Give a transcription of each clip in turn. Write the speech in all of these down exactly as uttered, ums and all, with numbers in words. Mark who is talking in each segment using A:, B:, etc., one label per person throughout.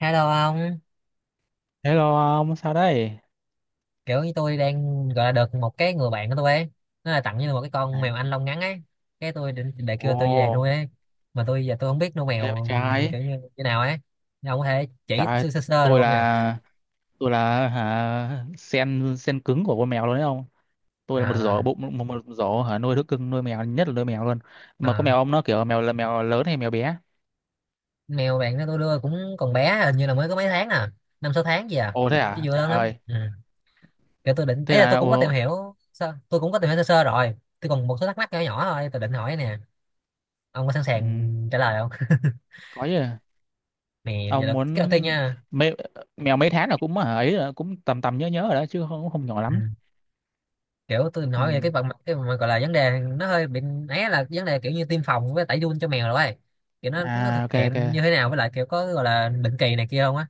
A: Hello ông,
B: Hello ông, sao đây?
A: kiểu như tôi đang gọi là được một cái người bạn của tôi ấy, nó là tặng như là một cái
B: À,
A: con mèo Anh lông ngắn ấy, cái tôi định để
B: ồ,
A: kêu tôi về nuôi ấy, mà tôi giờ tôi không biết nuôi
B: nghe bên
A: mèo
B: trai.
A: kiểu như như nào ấy, ông có thể chỉ
B: Tại
A: sơ sơ, sơ được
B: tôi
A: không nhỉ?
B: là tôi là hả sen sen cứng của con mèo luôn đấy ông. Tôi là một giỏ
A: À,
B: bụng một, một giỏ hả nuôi thú cưng nuôi mèo nhất là nuôi mèo luôn. Mà có
A: à,
B: mèo ông nó kiểu mèo là mèo lớn hay mèo bé?
A: mèo bạn đó tôi đưa cũng còn bé, hình như là mới có mấy tháng à, năm sáu tháng gì à,
B: Ồ thế
A: chứ
B: à?
A: vừa
B: Trời
A: lớn lắm.
B: ơi.
A: Ừ. Kiểu tôi định,
B: Thế
A: ấy là
B: là
A: tôi cũng có tìm
B: ồ,
A: hiểu, sơ- tôi cũng có tìm hiểu sơ sơ rồi, tôi còn một số thắc mắc nhỏ nhỏ thôi, tôi định hỏi nè, ông có sẵn
B: ừ,
A: sàng trả lời không?
B: có gì?
A: Nè, giờ
B: Ông
A: là cái đầu
B: muốn
A: tiên nha.
B: mê, mèo mấy tháng là cũng hả ấy là cũng tầm tầm nhớ nhớ rồi đó chứ không không nhỏ
A: Ừ.
B: lắm.
A: Kiểu tôi
B: Ừ.
A: nói về cái phần mặt cái mà gọi là vấn đề nó hơi bị ấy, là vấn đề kiểu như tiêm phòng với tẩy giun cho mèo rồi ấy. Kiểu nó nó
B: À,
A: thực
B: ok
A: hiện như thế
B: ok.
A: nào với lại kiểu có gọi là định kỳ này kia không á,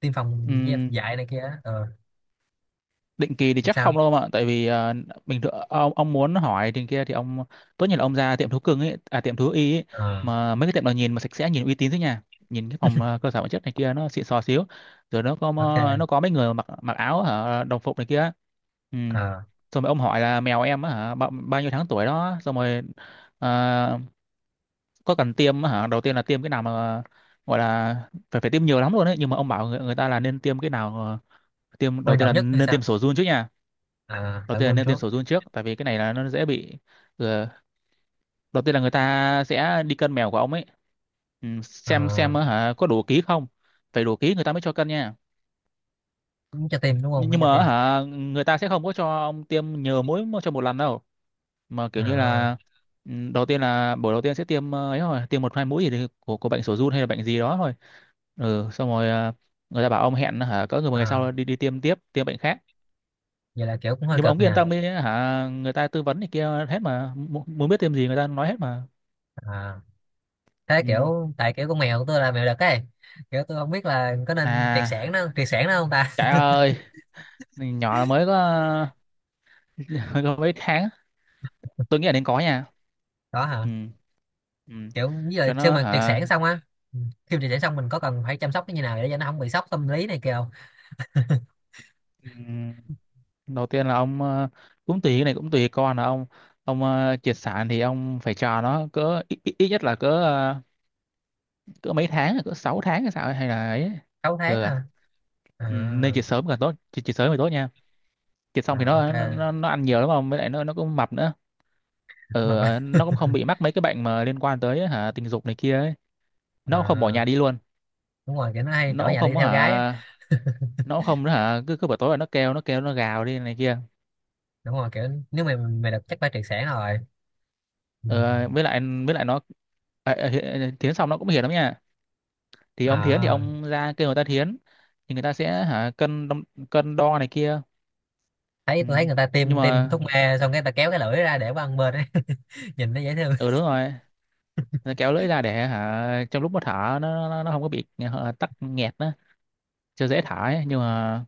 A: tiêm
B: Ừ.
A: phòng với dạy này kia á. ờ
B: Định kỳ thì chắc
A: Sao?
B: không đâu mà tại vì ờ, bình thường ông ông muốn hỏi thì kia thì ông tốt nhất là ông ra tiệm thú cưng ấy à tiệm thú y ấy,
A: ờ
B: mà mấy cái tiệm nào nhìn mà sạch sẽ nhìn uy tín thế nha, nhìn cái phòng ờ, cơ sở vật chất này kia nó xịn sò xíu, rồi nó có ờ, nó
A: ok.
B: có mấy người mặc mặc áo hả đồng phục này kia. Ừ.
A: ờ
B: Xong rồi ông hỏi là mèo em á hả bao, bao nhiêu tháng tuổi đó, xong rồi ờ, có cần tiêm á hả đầu tiên là tiêm cái nào mà gọi là phải phải tiêm nhiều lắm luôn đấy, nhưng mà ông bảo người, người ta là nên tiêm cái nào ờ, tiêm đầu
A: Quan
B: tiên
A: trọng
B: là
A: nhất hay
B: nên
A: sao?
B: tiêm sổ giun trước nha,
A: ờ
B: đầu
A: Tẩy
B: tiên là
A: giun
B: nên
A: trước?
B: tiêm sổ giun trước tại vì cái này là nó dễ bị. ừ, Đầu tiên là người ta sẽ đi cân mèo của ông ấy, ừ,
A: ờ
B: xem xem á hả có đủ ký không, phải đủ ký người ta mới cho cân nha.
A: Cũng cho tiêm đúng không,
B: nhưng
A: phải
B: nhưng
A: cho
B: mà á
A: tiêm?
B: hả người ta sẽ không có cho ông tiêm nhiều mũi mà cho một lần đâu, mà kiểu như
A: ờ
B: là ừ, đầu tiên là buổi đầu tiên sẽ tiêm ờ, ấy thôi tiêm một hai mũi gì thì của của bệnh sổ giun hay là bệnh gì đó thôi. Ừ xong rồi ờ, người ta bảo ông hẹn hả cỡ người một ngày
A: ờ
B: sau đi đi tiêm tiếp tiêm bệnh khác.
A: Vậy là kiểu cũng hơi
B: Nhưng mà ông
A: cực
B: cứ yên
A: nha.
B: tâm đi hả người ta tư vấn thì kia hết mà. Mu- muốn biết thêm gì người ta nói hết mà.
A: ờ Thế
B: Ừ.
A: kiểu tại kiểu con mèo của tôi là mèo đực ấy, kiểu tôi không biết là có nên triệt sản
B: À
A: nó triệt sản nó không ta.
B: trời ơi nhỏ là mới có, mới có mấy tháng. Tôi nghĩ là nên có nha.
A: Có hả?
B: Ừ. Ừ.
A: Kiểu như là
B: Cho
A: khi
B: nó
A: mà triệt
B: hả.
A: sản xong á, ừ, khi mà triệt sản xong mình có cần phải chăm sóc nó như nào để cho nó không bị sốc tâm lý này kia không?
B: Ừ. Đầu tiên là ông ờ, cũng tùy cái này cũng tùy con là ông, ông ờ, triệt sản thì ông phải cho nó cỡ ít, ít, ít nhất là cỡ ờ, cỡ mấy tháng cỡ sáu tháng hay sao ấy, hay là ấy.
A: Sáu tháng
B: Ừ. À.
A: hả? À,
B: Ừ, nên triệt sớm càng tốt, triệt, triệt sớm thì tốt nha. Thịt xong thì
A: à, ok.
B: nó nó, nó ăn nhiều lắm mà với lại nó nó cũng mập nữa.
A: Mà phải-
B: Ờ nó cũng không bị mắc mấy cái bệnh mà liên quan tới hả tình dục này kia ấy. Nó cũng không bỏ
A: À,
B: nhà đi luôn.
A: đúng rồi, kiểu nó hay
B: Nó
A: ở
B: cũng
A: nhà đi
B: không có
A: theo gái á.
B: hả, nó cũng không hả cứ cứ buổi tối là nó kêu nó kêu nó gào đi này kia.
A: Đúng rồi, kiểu nếu mày mày được chắc phải triệt sản rồi. Ừ.
B: Ờ với lại với lại nó, Ờ, ờ, Hi- à, thiến xong nó cũng hiền lắm nha, thì ông thiến thì
A: À,
B: ông ra kêu người ta thiến, thì người ta sẽ hả cân đong- cân đo này kia.
A: thấy
B: Ừ.
A: tôi thấy người ta
B: Nhưng
A: tiêm tiêm
B: mà
A: thuốc mê xong cái ta kéo cái lưỡi ra để qua ăn bên ấy. Nhìn nó dễ thương.
B: ừ đúng rồi. Nó kéo lưỡi ra để hả trong lúc mà thở nó nó, nó không có bị hả, tắc nghẹt đó, chưa dễ thả ấy nhưng mà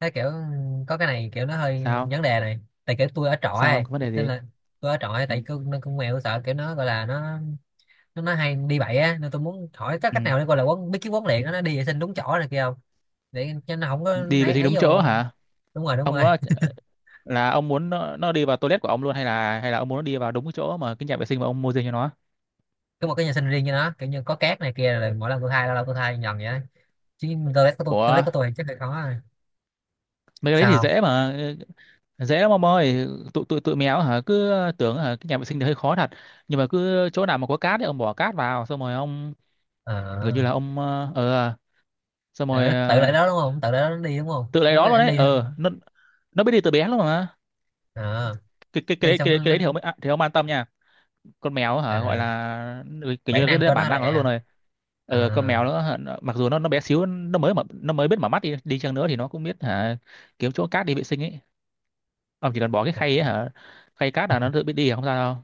A: Thấy kiểu có cái này kiểu nó hơi
B: sao,
A: vấn đề này, tại kiểu tôi ở trọ
B: sao
A: ấy
B: không có vấn đề
A: nên
B: gì.
A: là tôi ở trọ ấy,
B: Ừ.
A: tại cứ nó con mèo sợ kiểu nó gọi là nó nó nói hay đi bậy á, nên tôi muốn hỏi có
B: Ừ.
A: cách nào để coi là quán biết cái quán liền đó, nó đi vệ sinh đúng chỗ này kia không, để cho nó không có
B: Đi vệ
A: ấy,
B: sinh
A: ấy
B: đúng
A: vô.
B: chỗ hả.
A: Đúng rồi, đúng
B: Ông
A: rồi,
B: có là ông muốn nó, nó đi vào toilet của ông luôn hay là hay là ông muốn nó đi vào đúng cái chỗ mà cái nhà vệ sinh mà ông mua riêng cho nó.
A: có một cái nhà sinh riêng cho nó kiểu như có cát này kia rồi mỗi lần tôi thay, lâu lâu tôi thay nhần vậy đó. Chứ toilet của tôi toilet
B: của
A: của tôi thì chắc là khó rồi.
B: Mấy cái đấy thì
A: Sao không?
B: dễ mà, dễ lắm ông ơi. Tụi tụi tụi mèo hả cứ tưởng hả cái nhà vệ sinh thì hơi khó thật, nhưng mà cứ chỗ nào mà có cát thì ông bỏ cát vào xong rồi ông gần như
A: ờ
B: là ông ờ ờ, xong
A: Tại
B: rồi
A: nó tự
B: ờ,
A: lại đó đúng không, tự lại đó nó đi đúng không,
B: tự lấy
A: nó
B: đó
A: nói
B: luôn
A: anh
B: đấy.
A: đi
B: Ờ
A: xong.
B: nó nó biết đi từ bé luôn mà.
A: ờ
B: Cái cái cái
A: Đi
B: đấy
A: xong
B: cái, đấy-
A: nó,
B: cái
A: nó
B: đấy thì ông à, thì ông an tâm nha, con mèo hả gọi
A: à,
B: là ừ, kiểu như
A: bản
B: là cái
A: năng
B: đấy là
A: của nó
B: bản
A: là
B: năng của
A: vậy
B: nó luôn
A: hả?
B: rồi.
A: à
B: Ờ, con mèo nữa hả, nó- mặc dù nó nó bé xíu, nó mới mở, nó mới biết mở mắt đi đi chăng nữa thì nó cũng biết hả kiếm chỗ cát đi vệ sinh ấy. Ông chỉ cần bỏ cái khay ấy hả, khay cát là nó tự biết đi à? Không sao đâu.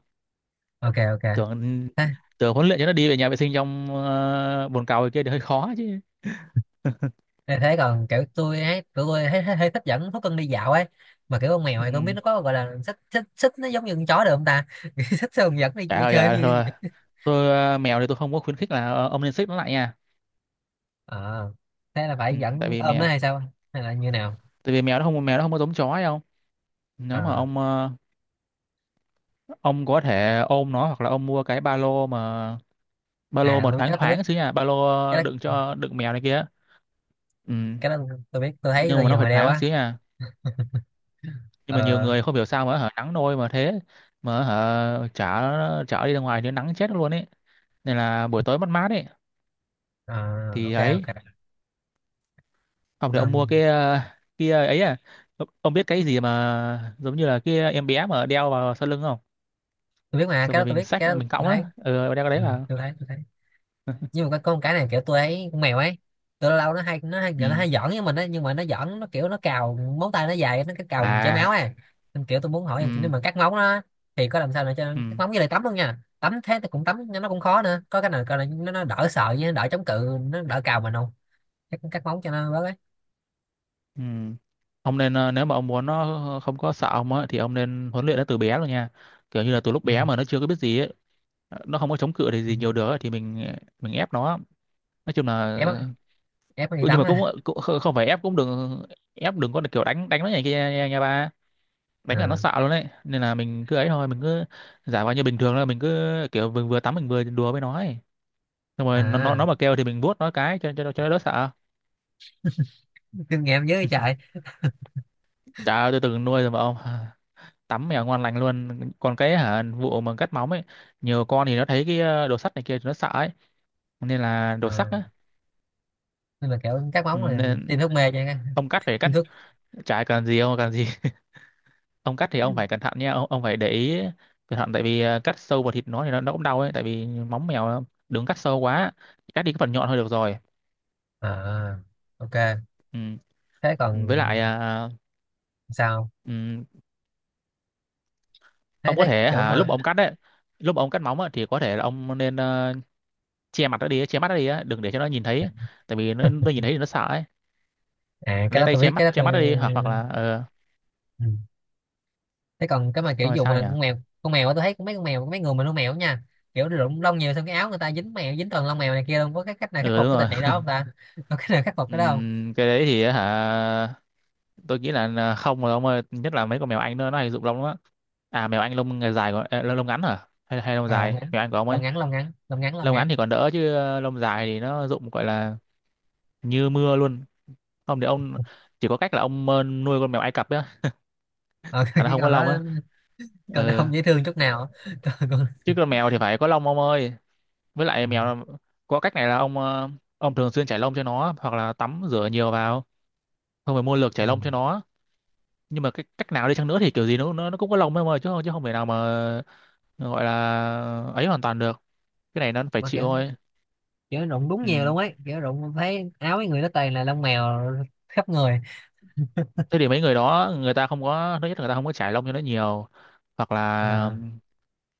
A: ok, ok.
B: Tưởng
A: Thế
B: Tưởng huấn luyện cho nó đi về nhà vệ sinh trong uh, bồn cầu kia thì hơi khó chứ.
A: Nên thế còn kiểu tôi ấy, tụi tôi thấy, thấy, thấy thích dẫn thú cưng đi dạo ấy, mà kiểu con mèo
B: Ừ.
A: thì tôi không biết nó có gọi là xích xích xích nó giống như con chó được không ta. Xích xong dẫn đi,
B: Trời
A: đi
B: ơi trời
A: chơi
B: ơi
A: như.
B: thôi, tôi ờ, mèo thì tôi không có khuyến khích là ờ, ông nên xích nó lại nha.
A: Ờ, thế là
B: Ừ,
A: phải
B: tại
A: dẫn
B: vì
A: ôm nó
B: mèo,
A: hay sao, hay là như nào?
B: tại vì mèo nó không, mèo nó không có giống chó hay không.
A: Ờ,
B: Nếu mà ông ờ, ông có thể ôm nó hoặc là ông mua cái ba lô mà, ba lô
A: à
B: mà
A: tôi biết cái
B: thoáng
A: đó, tôi biết
B: thoáng xíu nha, ba lô
A: cái đó
B: đựng cho đựng mèo này kia. Ừ.
A: cái đó tôi biết tôi thấy,
B: Nhưng
A: tôi
B: mà nó
A: nhiều
B: phải
A: người đeo
B: thoáng
A: á.
B: xíu nha. Nhưng mà nhiều
A: ờ
B: người không hiểu sao mà hở nắng nôi mà thế, mà hở chở chở đi ra ngoài thì nắng chết luôn ấy, nên là buổi tối mát mát ấy
A: ờ,
B: thì
A: ok,
B: ấy.
A: ok.
B: Ông thì ông mua
A: Ờm,
B: cái ờ, kia ấy à, ông ông biết cái gì mà giống như là kia em bé mà đeo vào sau lưng không?
A: tôi biết mà
B: Xong
A: cái đó,
B: rồi
A: tôi
B: mình
A: biết
B: xách
A: cái đó
B: mình
A: tôi
B: cõng á
A: thấy,
B: ừ, đeo cái đấy
A: ừ,
B: vào.
A: tôi thấy tôi thấy, nhưng mà cái con cái này kiểu tôi ấy, con mèo ấy, tôi lâu lâu nó hay nó hay
B: Ừ.
A: nó hay giỡn với mình ấy nhưng mà nó giỡn nó kiểu nó cào móng tay nó dài nó cái cào mình chảy máu
B: À.
A: ấy, nên kiểu tôi muốn hỏi là nếu
B: Ừ.
A: mà cắt móng nó thì có làm sao để cho
B: Ừ.
A: cắt móng với lại tắm luôn nha, tắm thế thì cũng tắm nhưng nó cũng khó nữa, có cái nào coi là nó, nó đỡ sợ với nó đỡ chống cự nó đỡ cào mình không, cắt, cắt móng cho nó bớt ấy.
B: Ừ. Ông nên ờ, nếu mà ông muốn nó ờ, ờ, không có sợ ông á thì ông nên huấn luyện nó từ bé rồi nha. Kiểu như là từ lúc
A: Ừ.
B: bé mà nó chưa có biết gì ấy, ờ, nó không có chống cự thì
A: Ừ.
B: gì nhiều được ấy, thì mình ờ, mình ép nó. Nói chung là
A: Ép á, ép nó đi
B: cũng- nhưng
A: tắm
B: mà cũng,
A: á?
B: ờ, cũng không không phải ép cũng đừng ép, đừng có kiểu đánh đánh nó này kia nha, nha ba. Đánh là nó
A: à,
B: sợ luôn đấy. Nên là mình cứ ấy thôi, mình cứ giả vờ như bình thường là mình cứ kiểu vừa, vừa tắm mình vừa đùa với nó ấy. Xong rồi nó nó nó
A: à
B: mà kêu thì mình vuốt nó cái cho cho cho nó đỡ sợ.
A: Kinh nghiệm dưới trời.
B: Chả tôi từng nuôi rồi mà ông. Tắm mèo ngon lành luôn, còn cái hả vụ mà cắt móng ấy, nhiều con thì nó thấy cái ờ, đồ sắt này kia thì nó sợ ấy, nên là đồ sắt
A: à,
B: á.
A: nhưng mà kiểu cắt
B: Ừ,
A: móng là
B: nên
A: tiêm thuốc mê cho nha?
B: ông cắt phải cắt
A: Tiêm thuốc?
B: chả cần gì ông cần gì. Ông cắt thì ông phải cẩn thận nha ông, ông phải để ý cẩn thận tại vì ờ, cắt sâu vào thịt nó thì nó, nó cũng đau ấy tại vì móng mèo nó- đừng cắt sâu quá, cắt đi cái phần nhọn thôi được rồi.
A: À ok.
B: Ừ.
A: Thế còn?
B: Với lại ờ,
A: Sao?
B: ừ,
A: Thấy
B: ông có
A: thấy
B: thể
A: kiểu
B: hả lúc mà
A: mà.
B: ông cắt đấy, lúc mà ông cắt móng á, thì có thể là ông nên ờ, che mặt nó đi, che mắt nó đi á, đừng để cho nó nhìn thấy tại vì nó, nó nhìn thấy thì nó sợ ấy.
A: À cái
B: Lấy
A: đó
B: tay
A: tôi
B: che
A: biết, cái
B: mắt
A: đó
B: che
A: tôi.
B: mắt đi hoặc hoặc là ờ
A: Ừ. Thế còn cái mà kiểu
B: xong rồi
A: dùng
B: sao
A: mà
B: nhỉ.
A: con mèo, con mèo á, tôi thấy mấy con mèo mấy người mà nuôi mèo á nha, kiểu rụng lông nhiều xong cái áo người ta dính mèo dính toàn lông mèo này kia luôn, có cái cách nào khắc
B: Ừ
A: phục
B: đúng
A: cái
B: rồi.
A: tình trạng đó không ta, có cách nào khắc phục cái đó không?
B: Ừm, cái đấy thì hả tôi nghĩ là là không rồi ông ơi, nhất là mấy con mèo anh nữa nó hay rụng lông lắm. À mèo anh lông ngày dài gọi ờ, lông ngắn hả hay hay lông
A: Ờ, lông
B: dài
A: ngắn
B: mèo anh của ông
A: lông
B: ấy?
A: ngắn lông ngắn lông ngắn lông
B: Lông ngắn
A: ngắn.
B: thì còn đỡ chứ ờ, lông dài thì nó rụng gọi là như mưa luôn. Không thì ông chỉ có cách là ông ờ, nuôi con mèo Ai Cập á,
A: Ờ,
B: là nó
A: cái
B: không có
A: con đó,
B: lông á.
A: con đó
B: Ừ.
A: không dễ thương chút nào. con, con...
B: Chứ con mèo thì phải có lông ông ơi, với
A: Ừ.
B: lại mèo có cách này là ông ờ, ông thường xuyên chải lông cho nó hoặc là tắm rửa nhiều vào, không phải mua lược
A: Ừ.
B: chảy lông cho nó. Nhưng mà cái cách nào đi chăng nữa thì kiểu gì nó nó, nó cũng có lông em ơi, chứ không chứ không thể nào mà gọi là ấy hoàn toàn được, cái này nó phải
A: Mà
B: chịu
A: kiểu,
B: thôi.
A: kiểu rụng đúng nhiều
B: Ừ.
A: luôn ấy, kiểu rụng thấy áo mấy người nó toàn là lông mèo khắp người.
B: Thế thì mấy người đó người ta không có, thứ nhất là người ta không có trải lông cho nó nhiều, hoặc
A: Ờ,
B: là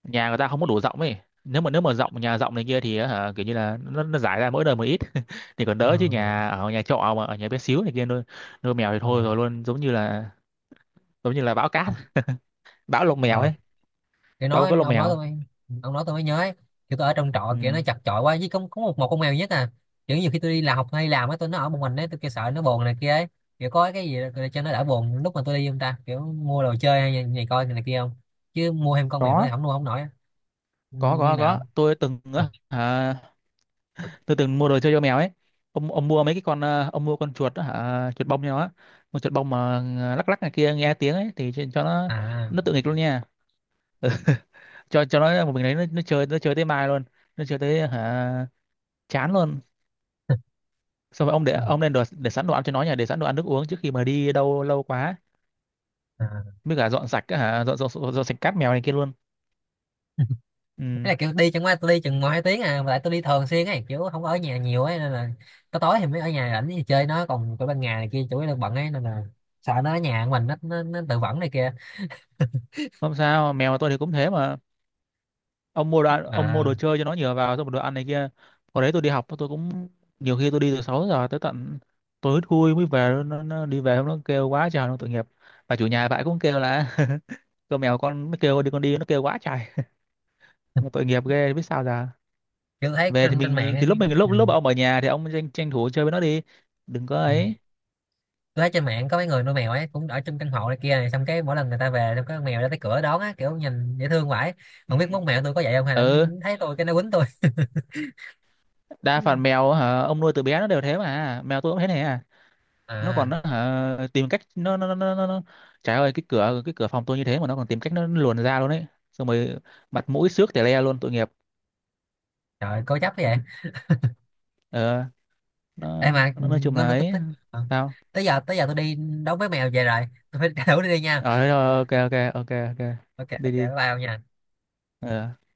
B: nhà người ta không có đủ rộng ấy, nếu mà nếu mà rộng, nhà rộng này kia thì hả, kiểu như là nó, nó giải ra mỗi đời một ít thì còn
A: ờ,
B: đỡ chứ nhà ở nhà trọ mà ở nhà bé xíu này kia nuôi, nuôi mèo thì
A: ờ.
B: thôi rồi luôn, giống như là, giống như là bão cát bão lông mèo
A: Ờ,
B: ấy.
A: thì
B: Đâu
A: nói
B: có lông
A: ông nói tôi
B: mèo.
A: mới- ông nói tôi mới nhớ ấy. Kiểu tôi ở trong trọ
B: Ừ.
A: kiểu nó chật chội quá, với có, có một một con mèo duy nhất à, kiểu nhiều khi tôi đi làm học hay làm á tôi nó ở một mình ấy, tôi kêu sợ nó buồn này kia ấy, kiểu có cái gì để cho nó đỡ buồn lúc mà tôi đi không ta, kiểu mua đồ chơi hay này, này coi này kia không, chứ mua thêm con mèo nó
B: Có
A: thì không nuôi không nổi á. như,
B: có
A: như
B: có có
A: nào?
B: tôi từng
A: Còn-
B: á, à, tôi từng mua đồ chơi cho mèo ấy. Ông ông mua mấy cái con à, ông mua con chuột á, hả chuột bông nhau á, con chuột bông mà à, lắc lắc này kia nghe tiếng ấy thì cho cho nó
A: à,
B: nó tự nghịch luôn nha. Cho cho nó một mình đấy nó, nó chơi nó chơi tới mai luôn, nó chơi tới hả chán luôn. Xong rồi ông để
A: Ừ.
B: ông nên đồ, để sẵn đồ ăn cho nó nhà, để sẵn đồ ăn nước uống trước khi mà đi đâu lâu quá,
A: À.
B: mới cả dọn sạch á, hả dọn dọn, dọn, dọn sạch cát mèo này kia luôn.
A: Thế
B: Ừ.
A: là kiểu đi, chẳng qua tôi đi chừng một hai tiếng à mà lại tôi đi thường xuyên ấy, kiểu không có ở nhà nhiều ấy nên là có tối thì mới ở nhà rảnh thì chơi nó, còn cái ban ngày này kia chủ yếu là bận ấy, nên là sợ nó ở nhà của mình nó nó, nó tự vẫn này kia.
B: Không sao mèo tôi thì cũng thế mà. Ông mua đồ ăn, ông mua
A: À,
B: đồ chơi cho nó nhiều vào, xong rồi đồ ăn này kia. Hồi đấy tôi đi học tôi cũng nhiều khi tôi đi từ sáu giờ tới tận tối thui mới về, nó, nó đi về nó kêu quá trời nó tội nghiệp, và chủ nhà bạn cũng kêu là con mèo con mới kêu đi con đi nó kêu quá trời. Mà tội nghiệp ghê biết sao giờ.
A: kiểu tôi thấy
B: Về thì
A: trên trên mạng
B: mình thì
A: ấy.
B: lúc mình
A: Ừ.
B: lúc lúc ông ở nhà thì ông tranh, tranh thủ chơi với nó đi, đừng có
A: Ừ.
B: ấy.
A: Tôi thấy trên mạng có mấy người nuôi mèo ấy cũng ở trong căn hộ này kia này, xong cái mỗi lần người ta về xong có con mèo ra tới cửa đón á, kiểu nhìn dễ thương vãi,
B: Ừ,
A: không biết mốt mèo tôi có vậy không, hay là nó
B: ừ,
A: thấy tôi cái nó quýnh tôi.
B: đa phần mèo hả ông nuôi từ bé nó đều thế, mà mèo tôi cũng thế này à. Nó còn
A: À.
B: nó hả, tìm cách nó nó nó nó, nó. nó- trời ơi cái cửa cái cửa phòng tôi như thế mà nó còn tìm cách nó luồn ra luôn đấy, xong rồi mặt mũi xước tè le luôn tội nghiệp.
A: Trời, cố chấp vậy.
B: Ờ
A: Ê
B: nó,
A: mà
B: nó nói chung
A: nó
B: là
A: nó tích
B: ấy
A: tích. Ờ.
B: sao.
A: tới giờ tới giờ tôi đi đấu với mèo về rồi, tôi phải thử đi, đi nha.
B: Ờ thế rồi, ok ok ok, ok
A: Ok,
B: đi
A: ok, bye
B: đi
A: bye ông nha.
B: ờ.